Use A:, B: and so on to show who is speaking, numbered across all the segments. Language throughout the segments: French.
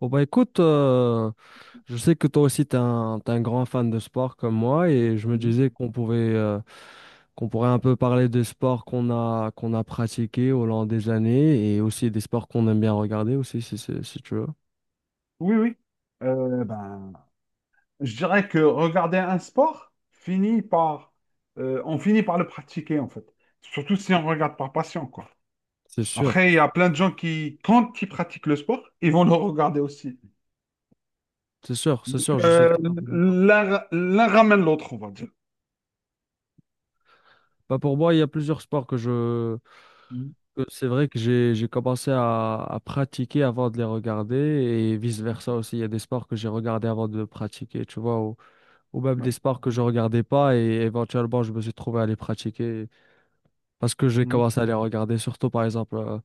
A: Bon bah écoute, je sais que toi aussi t'es un grand fan de sport comme moi et je me
B: Mhm.
A: disais qu'on pourrait un peu parler des sports qu'on a pratiqués au long des années et aussi des sports qu'on aime bien regarder aussi si, si tu veux.
B: Oui, oui. Euh, ben, je dirais que regarder un sport finit par, on finit par le pratiquer en fait. Surtout si on regarde par passion, quoi.
A: C'est sûr,
B: Après, il y a plein de gens qui, quand ils pratiquent le sport, ils vont le regarder aussi.
A: c'est sûr, c'est sûr, je suis
B: Euh,
A: tout à fait d'accord.
B: l'un ramène l'autre, on va dire.
A: Bah pour moi, il y a plusieurs sports
B: Mhm.
A: que c'est vrai que j'ai commencé à pratiquer avant de les regarder et vice versa aussi. Il y a des sports que j'ai regardés avant de les pratiquer, tu vois. Ou même des
B: Ouais.
A: sports que je regardais pas et éventuellement je me suis trouvé à les pratiquer parce que j'ai
B: Mhm.
A: commencé à les regarder surtout par exemple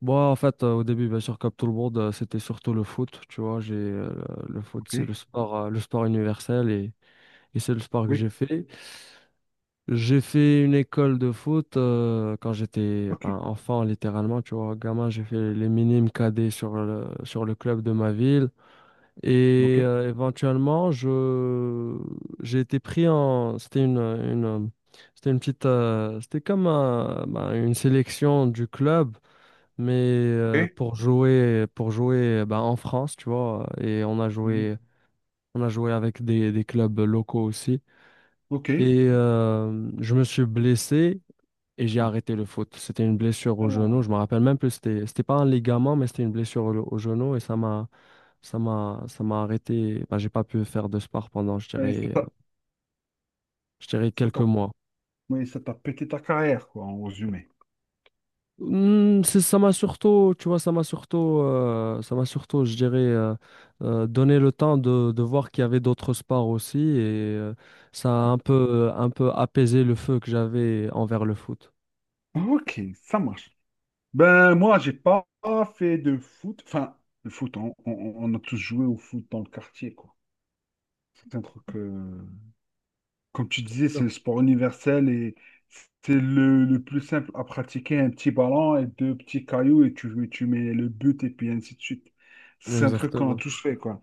A: moi en fait au début bien sûr comme tout le monde c'était surtout le foot, tu vois. J'ai euh, le foot,
B: Ok.
A: c'est le sport universel, et c'est le sport que
B: Oui.
A: J'ai fait une école de foot quand j'étais,
B: Ok.
A: ben, enfant, littéralement, tu vois, gamin. J'ai fait les minimes cadets sur le club de ma ville
B: Ok.
A: et éventuellement, je j'ai été pris en. C'était une, c'était une petite, c'était comme ben, une sélection du club, mais
B: Ok.
A: pour jouer, ben, en France, tu vois. Et on a
B: Mhm.
A: joué, avec des, clubs locaux aussi.
B: Ok.
A: Et je me suis blessé et j'ai
B: Ah.
A: arrêté le foot. C'était une blessure au
B: Alors,
A: genou. Je me rappelle même plus. C'était pas un ligament, mais c'était une blessure au, genou, et ça m'a. Ça m'a arrêté. Bah, j'ai pas pu faire de sport pendant,
B: ben, c'est pas-
A: je dirais
B: c'est
A: quelques
B: pas
A: mois.
B: oui, ça t'a pété ta carrière, quoi, en résumé.
A: Ça m'a surtout, tu vois, donné le temps de, voir qu'il y avait d'autres sports aussi, et ça a un peu, apaisé le feu que j'avais envers le foot.
B: Ok, ça marche. Moi, j'ai pas fait de foot. Enfin, le foot, on a tous joué au foot dans le quartier, quoi. C'est un truc, comme tu disais,
A: Sûr.
B: c'est le sport universel et c'est le plus simple à pratiquer. Un petit ballon et deux petits cailloux et tu mets le but et puis ainsi de suite. C'est un truc qu'on a
A: Exactement,
B: tous fait, quoi.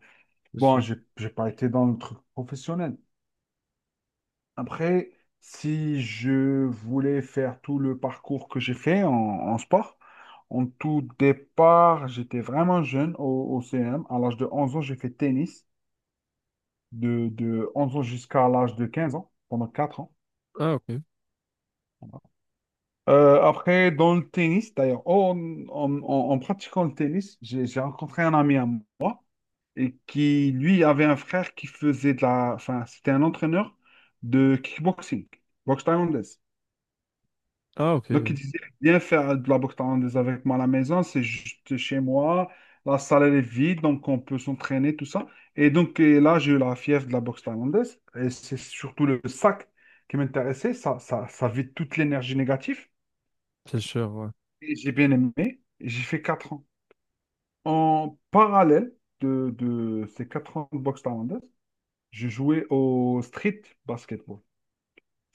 A: c'est
B: Bon,
A: sûr.
B: j'ai pas été dans le truc professionnel. Après, si je voulais faire tout le parcours que j'ai fait en sport, en tout départ, j'étais vraiment jeune au CM. À l'âge de 11 ans, j'ai fait tennis, de 11 ans jusqu'à l'âge de 15 ans, pendant 4 ans.
A: Ah, ok.
B: Après, dans le tennis, d'ailleurs, oh, en pratiquant le tennis, j'ai rencontré un ami à moi et qui, lui, avait un frère qui faisait de la... Enfin, c'était un entraîneur de kickboxing, boxe thaïlandaise.
A: Ah, ok.
B: Donc, il disait bien faire de la boxe thaïlandaise avec moi à la maison, c'est juste chez moi. La salle, elle est vide, donc on peut s'entraîner, tout ça. Et donc, et là, j'ai eu la fièvre de la boxe thaïlandaise. Et c'est surtout le sac qui m'intéressait. Ça vide toute l'énergie négative.
A: C'est sûr, ouais.
B: Et j'ai bien aimé. Et j'ai fait 4 ans. En parallèle de ces 4 ans de boxe thaïlandaise, je jouais au street basketball.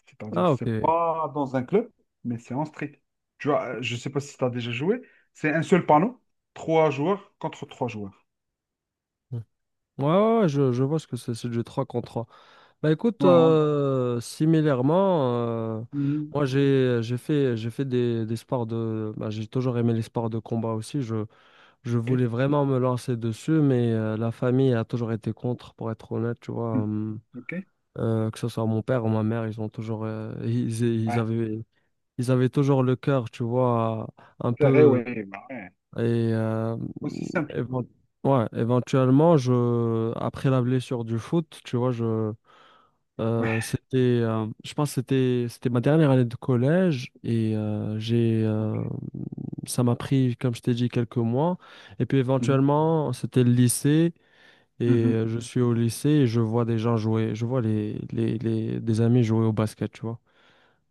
B: C'est-à-dire,
A: Ah, ok.
B: c'est
A: Ouais,
B: pas dans un club, mais c'est en street. Tu vois, je sais pas si tu as déjà joué. C'est un seul panneau, trois joueurs contre trois joueurs.
A: ouais, ouais, je vois ce que c'est du 3 contre trois. Bah écoute,
B: Voilà.
A: similairement, euh,
B: Mhm.
A: moi j'ai fait des sports de bah, j'ai toujours aimé les sports de combat aussi. Je
B: OK.
A: voulais vraiment me lancer dessus, mais la famille a toujours été contre, pour être honnête, tu vois.
B: Mhm. OK.
A: Que ce soit mon père ou ma mère, ils ont toujours ils
B: Ouais.
A: avaient, toujours le cœur, tu vois, un
B: Carré,
A: peu.
B: ouais. Ouais.
A: Et euh,
B: Aussi simple.
A: évent- ouais, éventuellement, je après la blessure du foot, tu vois, je
B: Ouais.
A: je pense que c'était ma dernière année de collège, et
B: OK.
A: ça m'a pris, comme je t'ai dit, quelques mois. Et puis
B: Mhm.
A: éventuellement, c'était le lycée, et
B: Mhm.
A: je suis au lycée et je vois des gens jouer, je vois des amis jouer au basket, tu vois.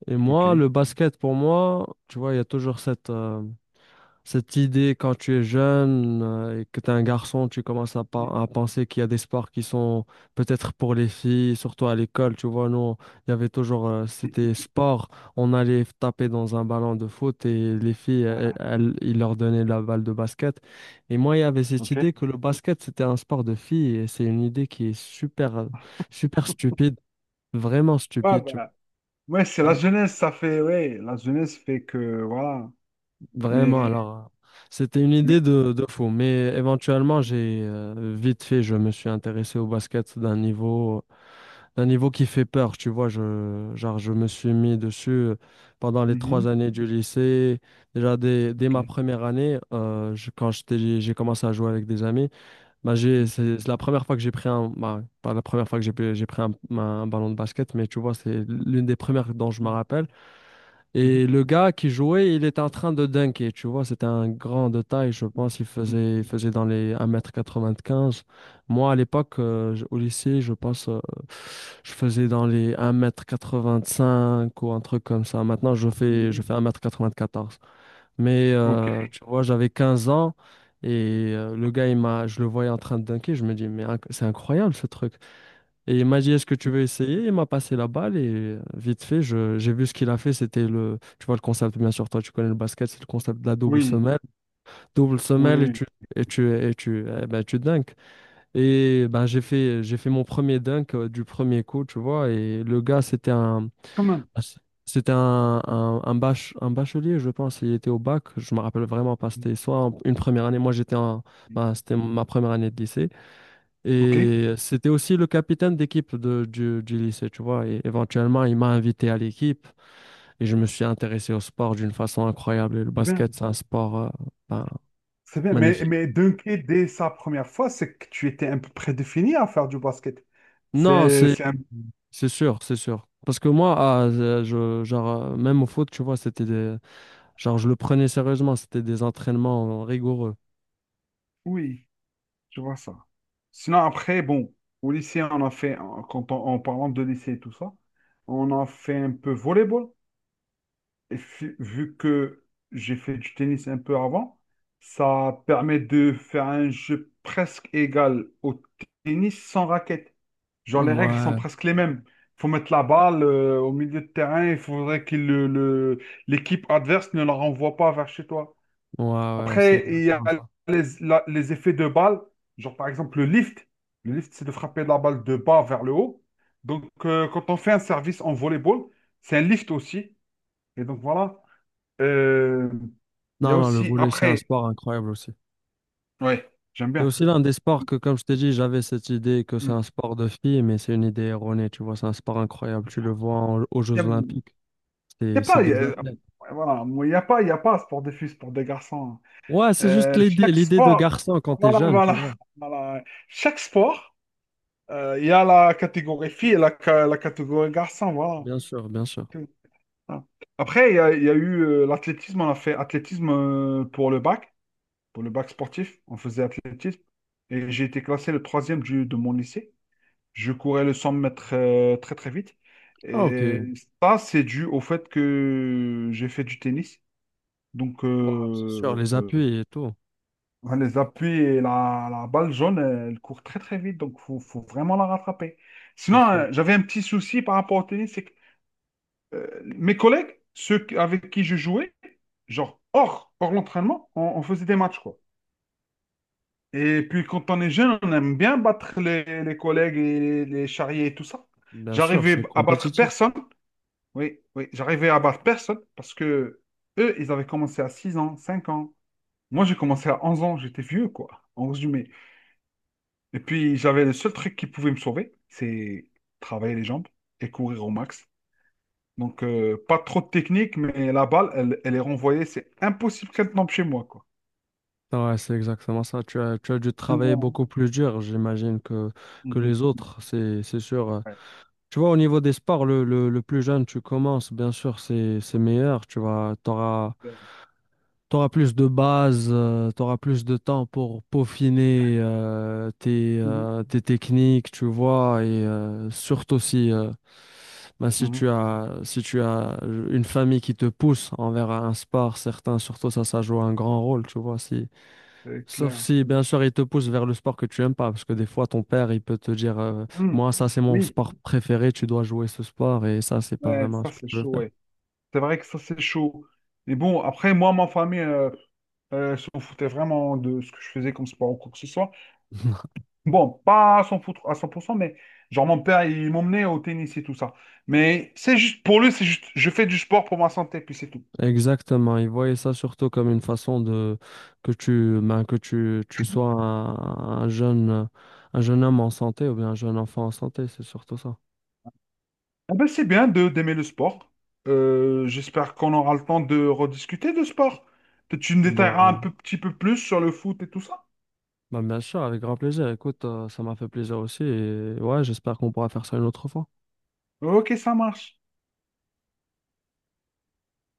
A: Et moi,
B: OK.
A: le basket, pour moi, tu vois, il y a toujours cette idée, quand tu es jeune et que tu es un garçon, tu commences à,
B: Mhm.
A: pa- à penser qu'il y a des sports qui sont peut-être pour les filles, surtout à l'école. Tu vois, nous, il y avait toujours, c'était sport. On allait taper dans un ballon de foot et les filles,
B: Voilà.
A: ils leur donnaient la balle de basket. Et moi, il y avait cette
B: OK.
A: idée que le basket, c'était un sport de filles, et c'est une idée qui est super stupide, vraiment
B: Ouais,
A: stupide, tu
B: ouais, c'est la
A: vois.
B: jeunesse, ça fait. Ouais, la jeunesse fait que. Voilà.
A: Vraiment,
B: Mais.
A: alors, c'était une idée
B: mais...
A: de, fou, mais éventuellement, j'ai vite fait, je me suis intéressé au basket d'un niveau, qui fait peur, tu vois. Genre, je me suis mis dessus pendant les trois
B: Mhm.
A: années du lycée. Déjà, dès, ma
B: OK.
A: première année, j'ai commencé à jouer avec des amis. Bah, j'ai,
B: Mhm.
A: c'est la première fois que j'ai pris un, bah, pas la première fois que j'ai pris un ballon de basket, mais tu vois, c'est l'une des premières dont je me
B: Mhm.
A: rappelle.
B: Mhm.
A: Et le gars qui jouait, il était en train de dunker, tu vois, c'était un grand de taille, je pense, il
B: Mhm.
A: faisait, il faisait dans les 1m95. Moi, à l'époque, au lycée, je pense, je faisais dans les 1m85 ou un truc comme ça. Maintenant, je fais, je
B: Mhm.
A: fais 1m94. Mais,
B: OK.
A: tu vois, j'avais 15 ans, et le gars, je le voyais en train de dunker, je me dis, mais c'est incroyable, ce truc. Et il m'a dit, est-ce que tu veux essayer? Il m'a passé la balle, et vite fait, j'ai vu ce qu'il a fait. C'était tu vois, le concept, bien sûr, toi, tu connais le basket, c'est le concept de la double
B: Oui.
A: semelle. Double semelle, et
B: Oui.
A: tu, eh ben, tu dunks. Et ben, j'ai fait mon premier dunk du premier coup, tu vois. Et le gars, c'était un,
B: Quand même.
A: c'était un, un, un, bach- un bachelier, je pense. Il était au bac, je me rappelle vraiment pas.
B: Mm-hmm.
A: C'était soit une première année, moi, j'étais en, ben, c'était ma première année de lycée.
B: Ok,
A: Et c'était aussi le capitaine d'équipe du lycée, tu vois. Et éventuellement, il m'a invité à l'équipe, et je me suis intéressé au sport d'une façon incroyable. Et le
B: c'est bien,
A: basket, c'est un sport, ben,
B: c'est bien.
A: magnifique.
B: Mais dunker, dès sa première fois, c'est que tu étais un peu prédéfini à faire du basket.
A: Non, c'est
B: C'est un...
A: c'est sûr, c'est sûr. Parce que moi, ah, genre, même au foot, tu vois, genre, je le prenais sérieusement. C'était des entraînements rigoureux.
B: Oui, je vois ça. Sinon, après, bon, au lycée, on a fait, en parlant de lycée et tout ça, on a fait un peu volleyball. Et vu que j'ai fait du tennis un peu avant, ça permet de faire un jeu presque égal au tennis sans raquette. Genre, les règles sont
A: Ouais,
B: presque les mêmes. Il faut mettre la balle au milieu de terrain, il faudrait que l'équipe adverse ne la renvoie pas vers chez toi.
A: ouais, ouais, c'est
B: Après, il y a
A: exactement ça.
B: les effets de balle, genre par exemple le lift. Le lift, c'est de frapper la balle de bas vers le haut. Donc, quand on fait un service en volleyball, c'est un lift aussi. Et donc voilà. Euh, Il y a
A: Non, non, le
B: aussi,
A: volley, c'est un
B: après,
A: sport incroyable aussi.
B: ouais, j'aime
A: C'est
B: bien.
A: aussi l'un des sports que, comme je t'ai dit, j'avais cette idée que c'est
B: Il
A: un sport de filles, mais c'est une idée erronée. Tu vois, c'est un sport incroyable. Tu le vois aux Jeux
B: il
A: Olympiques.
B: y a
A: C'est,
B: pas,
A: c'est
B: il y a,
A: des athlètes.
B: voilà, moi, il y a pas, sport de fils pour des garçons,
A: Ouais,
B: hein.
A: c'est juste l'idée,
B: Chaque
A: de
B: sport,
A: garçon quand t'es
B: voilà,
A: jeune, tu
B: voilà,
A: vois.
B: voilà. Chaque sport, il y a la catégorie fille et la catégorie garçon, voilà.
A: Bien sûr, bien sûr.
B: Tout. Voilà. Après, il y a eu l'athlétisme, on a fait athlétisme pour le bac sportif, on faisait athlétisme. Et j'ai été classé le troisième de mon lycée. Je courais le 100 mètres très très vite.
A: Ah, ok.
B: Et
A: Ouais,
B: ça, c'est dû au fait que j'ai fait du tennis. Donc,
A: c'est sûr, les appuis et tout.
B: les appuis et la balle jaune, elle court très très vite. Donc, faut vraiment la rattraper.
A: C'est
B: Sinon,
A: sûr.
B: j'avais un petit souci par rapport au tennis. C'est que mes collègues, avec qui je jouais, genre hors l'entraînement, on faisait des matchs, quoi. Et puis quand on est jeune, on aime bien battre les collègues et les charriers et tout ça.
A: Bien sûr,
B: J'arrivais
A: c'est
B: à battre
A: compétitif.
B: personne. Oui, oui, j'arrivais à battre personne parce que eux, ils avaient commencé à 6 ans, 5 ans. Moi, j'ai commencé à 11 ans, j'étais vieux, quoi, en résumé. Et puis, j'avais le seul truc qui pouvait me sauver, c'est travailler les jambes et courir au max. Donc, pas trop de technique, mais la balle, elle est renvoyée, c'est impossible qu'elle tombe chez moi, quoi.
A: Ouais, c'est exactement ça. Tu as dû
B: Ah,
A: travailler
B: voilà.
A: beaucoup plus dur, j'imagine, que
B: Mhm.
A: les autres. C'est sûr. euh,
B: Ouais,
A: Tu vois, au niveau des sports, le plus jeune tu commences, bien sûr, c'est meilleur. Tu vois,
B: c'est
A: t'auras,
B: clair.
A: t'auras plus de bases, t'auras plus de temps pour peaufiner tes,
B: Mhm.
A: euh, tes techniques, tu vois, et surtout si, ben, si
B: Mhm,
A: tu as, si tu as une famille qui te pousse envers un sport certain, surtout ça, ça joue un grand rôle, tu vois. Si,
B: c'est
A: sauf
B: clair.
A: si, bien sûr, il te pousse vers le sport que tu aimes pas, parce que des fois, ton père, il peut te dire,
B: Mhm.
A: moi, ça, c'est mon
B: Oui,
A: sport préféré, tu dois jouer ce sport, et ça, c'est pas
B: ouais,
A: vraiment
B: ça,
A: ce que
B: c'est
A: tu veux
B: chaud,
A: faire.
B: ouais. C'est vrai que ça, c'est chaud. Mais bon, après, moi, ma famille s'en foutait vraiment de ce que je faisais comme sport ou quoi que ce soit. Bon, pas à s'en foutre à 100%, mais genre, mon père, il m'emmenait au tennis et tout ça. Mais c'est juste, pour lui, c'est juste, je fais du sport pour ma santé, puis c'est tout.
A: Exactement, ils voyaient ça surtout comme une façon de que tu ben, que tu sois un, un jeune un jeune homme en santé, ou bien un jeune enfant en santé, c'est surtout ça.
B: Ah ben, c'est bien de d'aimer le sport. J'espère qu'on aura le temps de rediscuter de sport. Peut-être tu me détailleras un
A: Ben,
B: peu, petit peu plus sur le foot et tout ça.
A: ben, bien sûr, avec grand plaisir. Écoute, ça m'a fait plaisir aussi, et ouais, j'espère qu'on pourra faire ça une autre fois.
B: Ok, ça marche.